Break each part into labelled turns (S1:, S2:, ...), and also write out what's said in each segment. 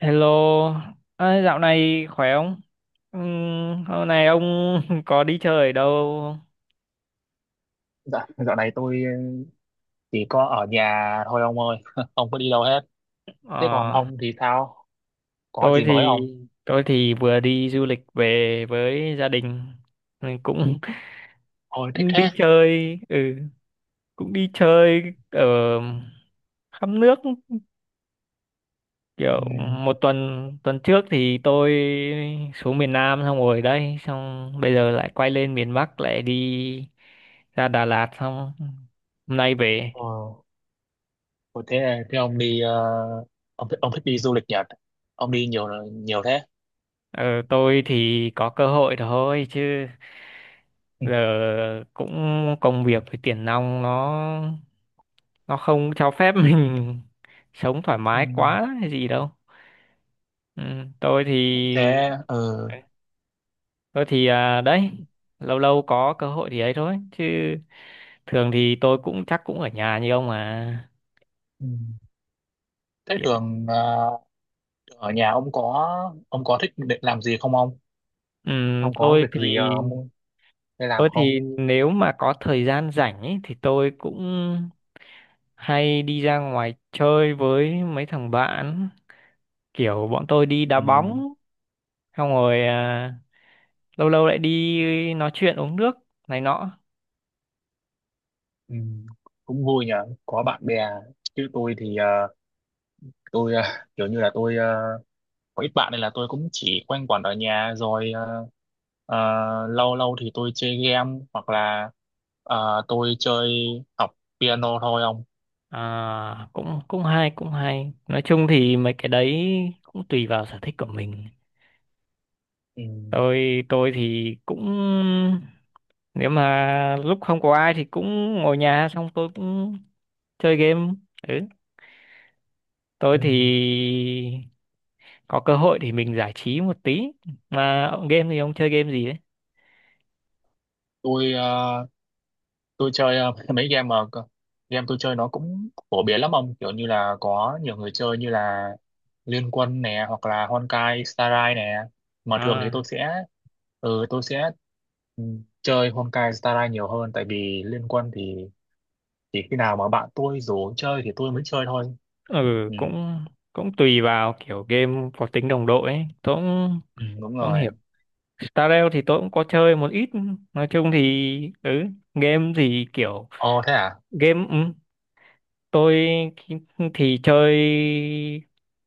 S1: Hello, à, dạo này khỏe không? Hôm nay ông có đi chơi ở đâu không?
S2: Dạ, dạo này tôi chỉ có ở nhà thôi ông ơi, không có đi đâu hết. Thế còn
S1: Ờ,
S2: ông thì sao? Có
S1: tôi
S2: gì mới
S1: thì
S2: ông?
S1: tôi thì vừa đi du lịch về với gia đình. Ừ, cũng
S2: Ôi thích
S1: cũng đi
S2: thế.
S1: chơi, cũng đi chơi ở khắp nước kiểu
S2: Ừ.
S1: một tuần. Tuần trước thì tôi xuống miền Nam xong rồi đây, xong bây giờ lại quay lên miền Bắc lại đi ra Đà Lạt xong hôm nay về.
S2: Ờ, ôi thế thế ông đi ông thích đi du lịch Nhật. Ông đi nhiều nhiều thế.
S1: Ờ, tôi thì có cơ hội thôi chứ
S2: Ừ.
S1: giờ cũng công việc với tiền nong nó không cho phép mình sống thoải
S2: Ừ.
S1: mái quá hay gì đâu. Ừ, tôi thì
S2: Thế ờ,
S1: tôi thì đấy, lâu lâu có cơ hội thì ấy thôi chứ thường thì tôi cũng chắc cũng ở nhà như ông mà
S2: ừ. Thế
S1: kiểu
S2: thường ờ, ở nhà ông có thích để làm gì không ông?
S1: ừm,
S2: Ông có
S1: tôi
S2: việc gì
S1: thì
S2: ông hay làm
S1: Tôi
S2: không?
S1: thì nếu mà có thời gian rảnh ấy, thì tôi cũng hay đi ra ngoài chơi với mấy thằng bạn. Kiểu bọn tôi đi
S2: Ừ.
S1: đá bóng, xong rồi lâu lâu lại đi nói chuyện uống nước này nọ.
S2: Ừ. Cũng vui nhờ, có bạn bè. Chứ tôi thì tôi à, kiểu như là tôi à, có ít bạn nên là tôi cũng chỉ quanh quẩn ở nhà rồi à, à, lâu lâu thì tôi chơi game hoặc là à, tôi chơi học piano thôi ông.
S1: À, cũng cũng hay cũng hay. Nói chung thì mấy cái đấy cũng tùy vào sở thích của mình.
S2: Ừ.
S1: Tôi thì cũng nếu mà lúc không có ai thì cũng ngồi nhà xong tôi cũng chơi game. Ừ, tôi
S2: Ừ.
S1: thì có cơ hội thì mình giải trí một tí, mà ông game thì ông chơi game gì đấy?
S2: Tôi à, tôi chơi mấy game mà game tôi chơi nó cũng phổ biến lắm ông, kiểu như là có nhiều người chơi, như là Liên Quân nè hoặc là Honkai Star Rail nè, mà thường thì
S1: À,
S2: tôi sẽ ừ, chơi Honkai Star Rail nhiều hơn, tại vì Liên Quân thì chỉ khi nào mà bạn tôi rủ chơi thì tôi mới chơi thôi.
S1: ừ,
S2: Ừ,
S1: cũng cũng tùy vào kiểu game có tính đồng đội ấy, tôi cũng
S2: ừ đúng
S1: không
S2: rồi.
S1: hiểu. Stardew thì tôi cũng có chơi một ít, nói chung thì game thì kiểu
S2: Ồ thế à.
S1: game, tôi thì chơi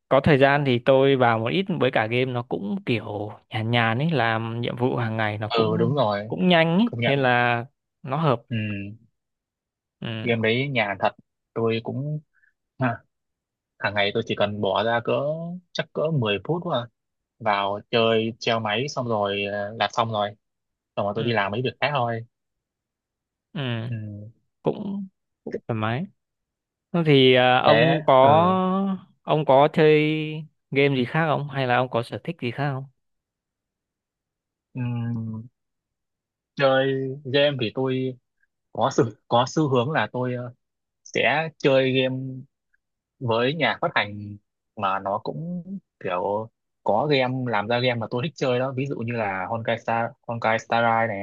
S1: có thời gian thì tôi vào một ít, với cả game nó cũng kiểu nhàn nhàn ấy, làm nhiệm vụ hàng ngày nó
S2: Ừ đúng
S1: cũng
S2: rồi,
S1: cũng nhanh ấy
S2: công
S1: nên
S2: nhận.
S1: là nó hợp.
S2: Ừ,
S1: Ừ,
S2: game đấy nhàn thật. Tôi cũng ha, hàng ngày tôi chỉ cần bỏ ra cỡ chắc cỡ 10 phút thôi à. Vào chơi treo máy xong rồi làm xong rồi tôi đi
S1: ừ,
S2: làm mấy việc khác thôi.
S1: ừ,
S2: Ừ.
S1: cũng cũng thoải mái. Thế thì
S2: Thế
S1: ông có
S2: ừ.
S1: ông có chơi game gì khác không, hay là ông có sở thích gì khác không?
S2: Ừ. Chơi game thì tôi có có xu hướng là tôi sẽ chơi game với nhà phát hành mà nó cũng kiểu có game làm ra game mà tôi thích chơi đó, ví dụ như là Honkai Star Rail này,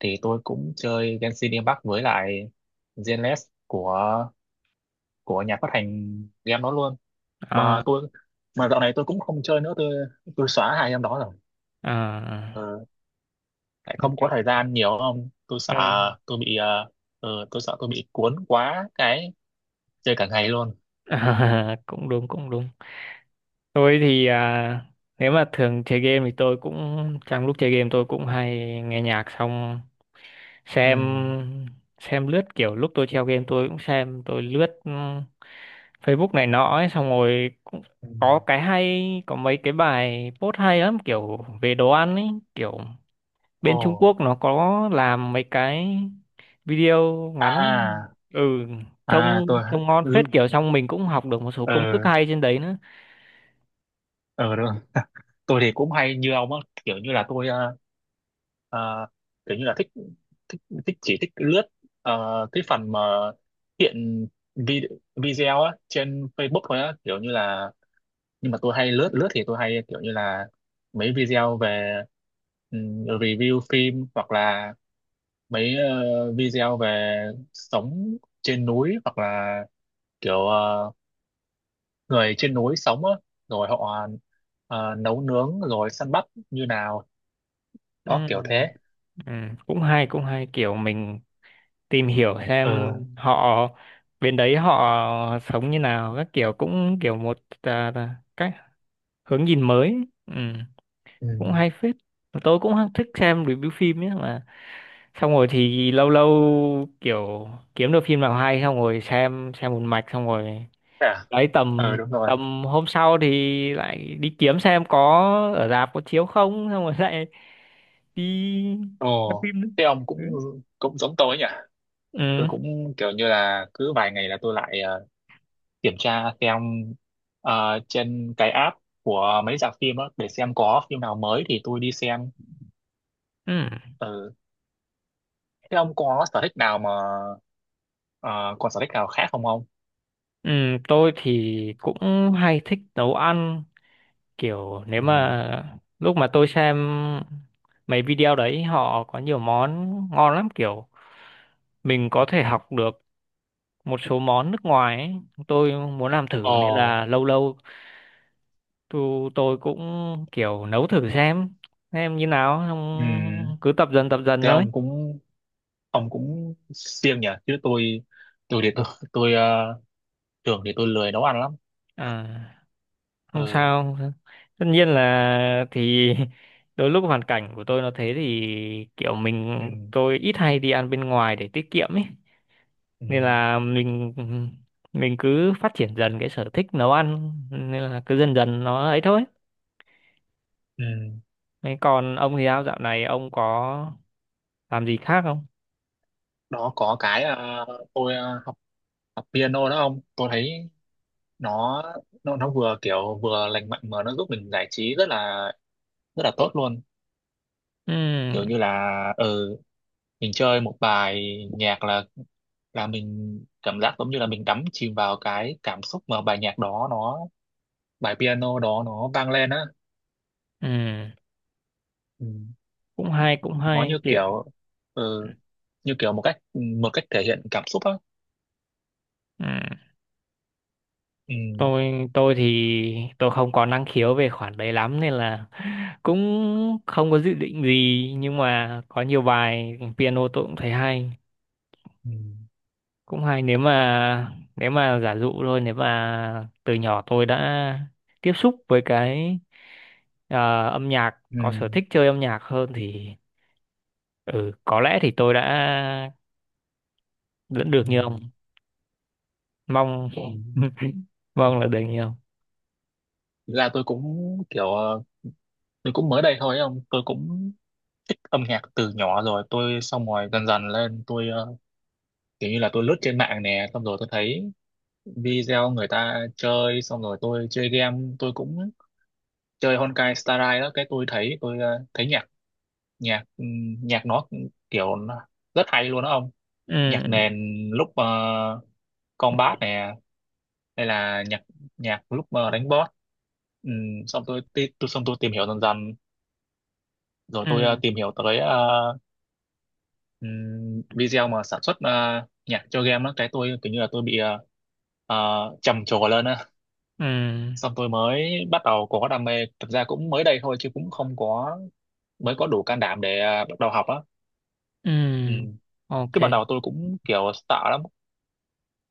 S2: thì tôi cũng chơi Genshin Impact với lại Zenless của của nhà phát hành game đó luôn. mà
S1: à
S2: tôi mà dạo này tôi cũng không chơi nữa, tôi xóa hai em đó rồi.
S1: à
S2: Ờ, tại
S1: nói
S2: không có
S1: chung-
S2: thời gian nhiều không tôi sợ
S1: à,
S2: tôi bị tôi sợ tôi bị cuốn quá cái chơi cả ngày luôn.
S1: cũng đúng cũng đúng. Tôi thì nếu mà thường chơi game thì tôi cũng trong lúc chơi game tôi cũng hay nghe nhạc xong xem
S2: Ừ.
S1: xem lướt, kiểu lúc tôi treo game tôi cũng xem tôi lướt Facebook này nọ ấy, xong rồi cũng
S2: Ừ.
S1: có cái hay, có mấy cái bài post hay lắm kiểu về đồ ăn ấy, kiểu
S2: Ồ.
S1: bên Trung Quốc nó có làm mấy cái video ngắn,
S2: À
S1: ừ,
S2: à, à,
S1: trông
S2: tôi
S1: trông ngon
S2: ừ
S1: phết kiểu, xong mình cũng học được một số
S2: ờ
S1: công thức hay trên đấy nữa.
S2: ờ được. Tôi thì cũng hay như ông á, kiểu như là tôi ờ, kiểu như là thích thích thích chỉ thích lướt cái phần mà hiện vi- video á trên Facebook thôi á, kiểu như là, nhưng mà tôi hay lướt lướt thì tôi hay kiểu như là mấy video về review phim, hoặc là mấy video về sống trên núi, hoặc là kiểu người trên núi sống á, rồi họ nấu nướng rồi săn bắt như nào
S1: Ừ,
S2: đó, kiểu thế.
S1: ừ, cũng hay kiểu mình tìm hiểu xem
S2: Ờ.
S1: họ bên đấy họ sống như nào các kiểu, cũng kiểu một là cách hướng nhìn mới. Ừ,
S2: Ừ.
S1: cũng hay phết. Mà tôi cũng thích xem review phim ấy mà, xong rồi thì lâu lâu kiểu kiếm được phim nào hay xong rồi xem một mạch xong rồi
S2: Thế à.
S1: đấy,
S2: Ờ
S1: tầm
S2: đúng rồi.
S1: tầm hôm sau thì lại đi kiếm xem có ở rạp có chiếu không, xong rồi lại đi xem
S2: Ồ
S1: phim nữa.
S2: thế ông
S1: Đấy.
S2: cũng cũng giống tôi nhỉ, tôi
S1: Ừ.
S2: cũng kiểu như là cứ vài ngày là tôi lại kiểm tra xem trên cái app của mấy rạp phim á, để xem có phim nào mới thì tôi đi xem.
S1: Ừ.
S2: Ừ. Thế ông có sở thích nào mà ờ, còn sở thích nào khác không ông?
S1: Ừ, tôi thì cũng hay thích nấu ăn kiểu nếu
S2: Ừ.
S1: mà lúc mà tôi xem mấy video đấy họ có nhiều món ngon lắm, kiểu mình có thể học được một số món nước ngoài ấy. Tôi muốn làm
S2: Ờ.
S1: thử nên là lâu lâu tôi cũng kiểu nấu thử xem như nào
S2: Ừ.
S1: xong cứ tập dần
S2: Thế
S1: thôi.
S2: ông cũng siêng nhỉ, chứ tôi tôi ờ, thường thì tôi lười nấu ăn lắm.
S1: À. Không
S2: Ừ.
S1: sao không sao. Tất nhiên là thì đôi lúc hoàn cảnh của tôi nó thế thì kiểu
S2: Ừ.
S1: mình tôi ít hay đi ăn bên ngoài để tiết kiệm ấy
S2: Ừ.
S1: nên là mình cứ phát triển dần cái sở thích nấu ăn nên là cứ dần dần nó ấy thôi.
S2: Ừ.
S1: Thế còn ông thì sao, dạo này ông có làm gì khác không?
S2: Đó có cái tôi học piano đó ông, tôi thấy nó nó vừa kiểu vừa lành mạnh mà nó giúp mình giải trí rất là tốt luôn,
S1: Ừ.
S2: kiểu như là ừ, mình chơi một bài nhạc là mình cảm giác giống như là mình đắm chìm vào cái cảm xúc mà bài nhạc đó nó bài piano đó nó vang lên á.
S1: Ừ.
S2: Ừ.
S1: Cũng hay cũng
S2: Nó
S1: hay
S2: như
S1: kìa.
S2: kiểu ừ, như kiểu một cách thể hiện cảm xúc á.
S1: Ừ,
S2: Ừ.
S1: tôi thì tôi không có năng khiếu về khoản đấy lắm nên là cũng không có dự định gì, nhưng mà có nhiều bài piano tôi cũng thấy hay,
S2: Ừ.
S1: cũng hay, nếu mà giả dụ thôi, nếu mà từ nhỏ tôi đã tiếp xúc với cái âm nhạc,
S2: Ừ.
S1: có sở thích chơi âm nhạc hơn thì, ừ, có lẽ thì tôi đã vẫn được
S2: Ừ.
S1: như ông mong.
S2: Ừ.
S1: Mong là được như ông.
S2: Thực ra tôi cũng kiểu tôi cũng mới đây thôi, không tôi cũng thích âm nhạc từ nhỏ rồi, tôi xong rồi dần dần lên tôi kiểu như là tôi lướt trên mạng nè, xong rồi tôi thấy video người ta chơi, xong rồi tôi chơi game tôi cũng chơi Honkai Star Rail đó, cái tôi thấy tôi thấy nhạc nhạc nhạc nó kiểu nó rất hay luôn đó ông.
S1: Ừ,
S2: Nhạc nền lúc
S1: ừ,
S2: combat nè, hay là nhạc nhạc lúc đánh boss. Tôi xong tôi tìm hiểu dần dần, rồi tôi
S1: ừ,
S2: tìm hiểu tới video mà sản xuất nhạc cho game đó, cái tôi kiểu như là tôi bị trầm trồ lên á,
S1: ừ.
S2: xong tôi mới bắt đầu có đam mê. Thực ra cũng mới đây thôi chứ cũng không có, mới có đủ can đảm để bắt đầu học á.
S1: Ừ.
S2: Ừ.
S1: OK.
S2: Chứ ban đầu tôi cũng kiểu sợ lắm,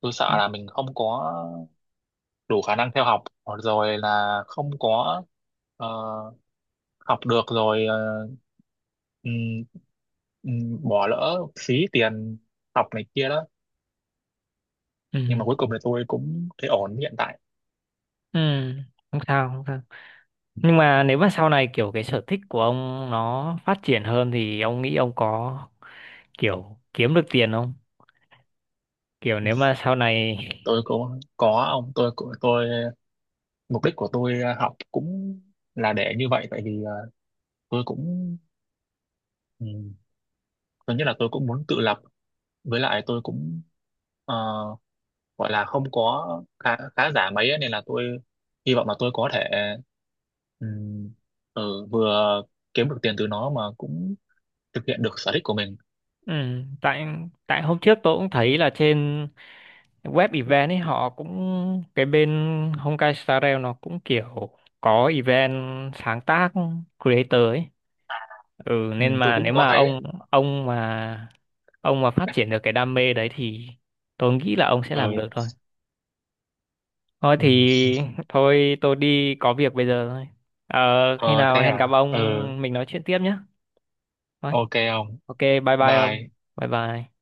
S2: tôi
S1: Ừ,
S2: sợ là mình không có đủ khả năng theo học, hoặc rồi là không có ờ, học được rồi ừm, bỏ lỡ phí tiền học này kia đó.
S1: ừ,
S2: Nhưng mà cuối cùng thì tôi cũng thấy ổn hiện tại.
S1: ừ, không sao không sao, nhưng mà nếu mà sau này kiểu cái sở thích của ông nó phát triển hơn thì ông nghĩ ông có kiểu kiếm được tiền không, kiểu nếu mà sau này.
S2: Tôi cũng có tôi của tôi mục đích của tôi học cũng là để như vậy, tại vì à, tôi cũng ừ, tôi nghĩ là tôi cũng muốn tự lập. Với lại tôi cũng ờ, gọi là không có khá, khá giả mấy ấy, nên là tôi hy vọng là tôi có thể ừ, vừa kiếm được tiền từ nó mà cũng thực hiện được sở thích của mình.
S1: Ừ, tại tại hôm trước tôi cũng thấy là trên web event ấy, họ cũng cái bên Honkai Star Rail nó cũng kiểu có event sáng tác creator ấy, ừ,
S2: Ừ,
S1: nên
S2: tôi
S1: mà
S2: cũng
S1: nếu
S2: có
S1: mà
S2: thấy.
S1: ông mà ông mà phát triển được cái đam mê đấy thì tôi nghĩ là ông sẽ
S2: Ừ.
S1: làm được thôi. Thôi
S2: Ừ.
S1: thì thôi tôi đi có việc bây giờ thôi. ờ, khi
S2: Ờ
S1: nào
S2: thế
S1: hẹn
S2: à.
S1: gặp
S2: Ừ.
S1: ông mình nói chuyện tiếp nhé. Thôi,
S2: Ok. Không.
S1: OK, bye
S2: Bye
S1: bye
S2: bye.
S1: ông. Bye bye.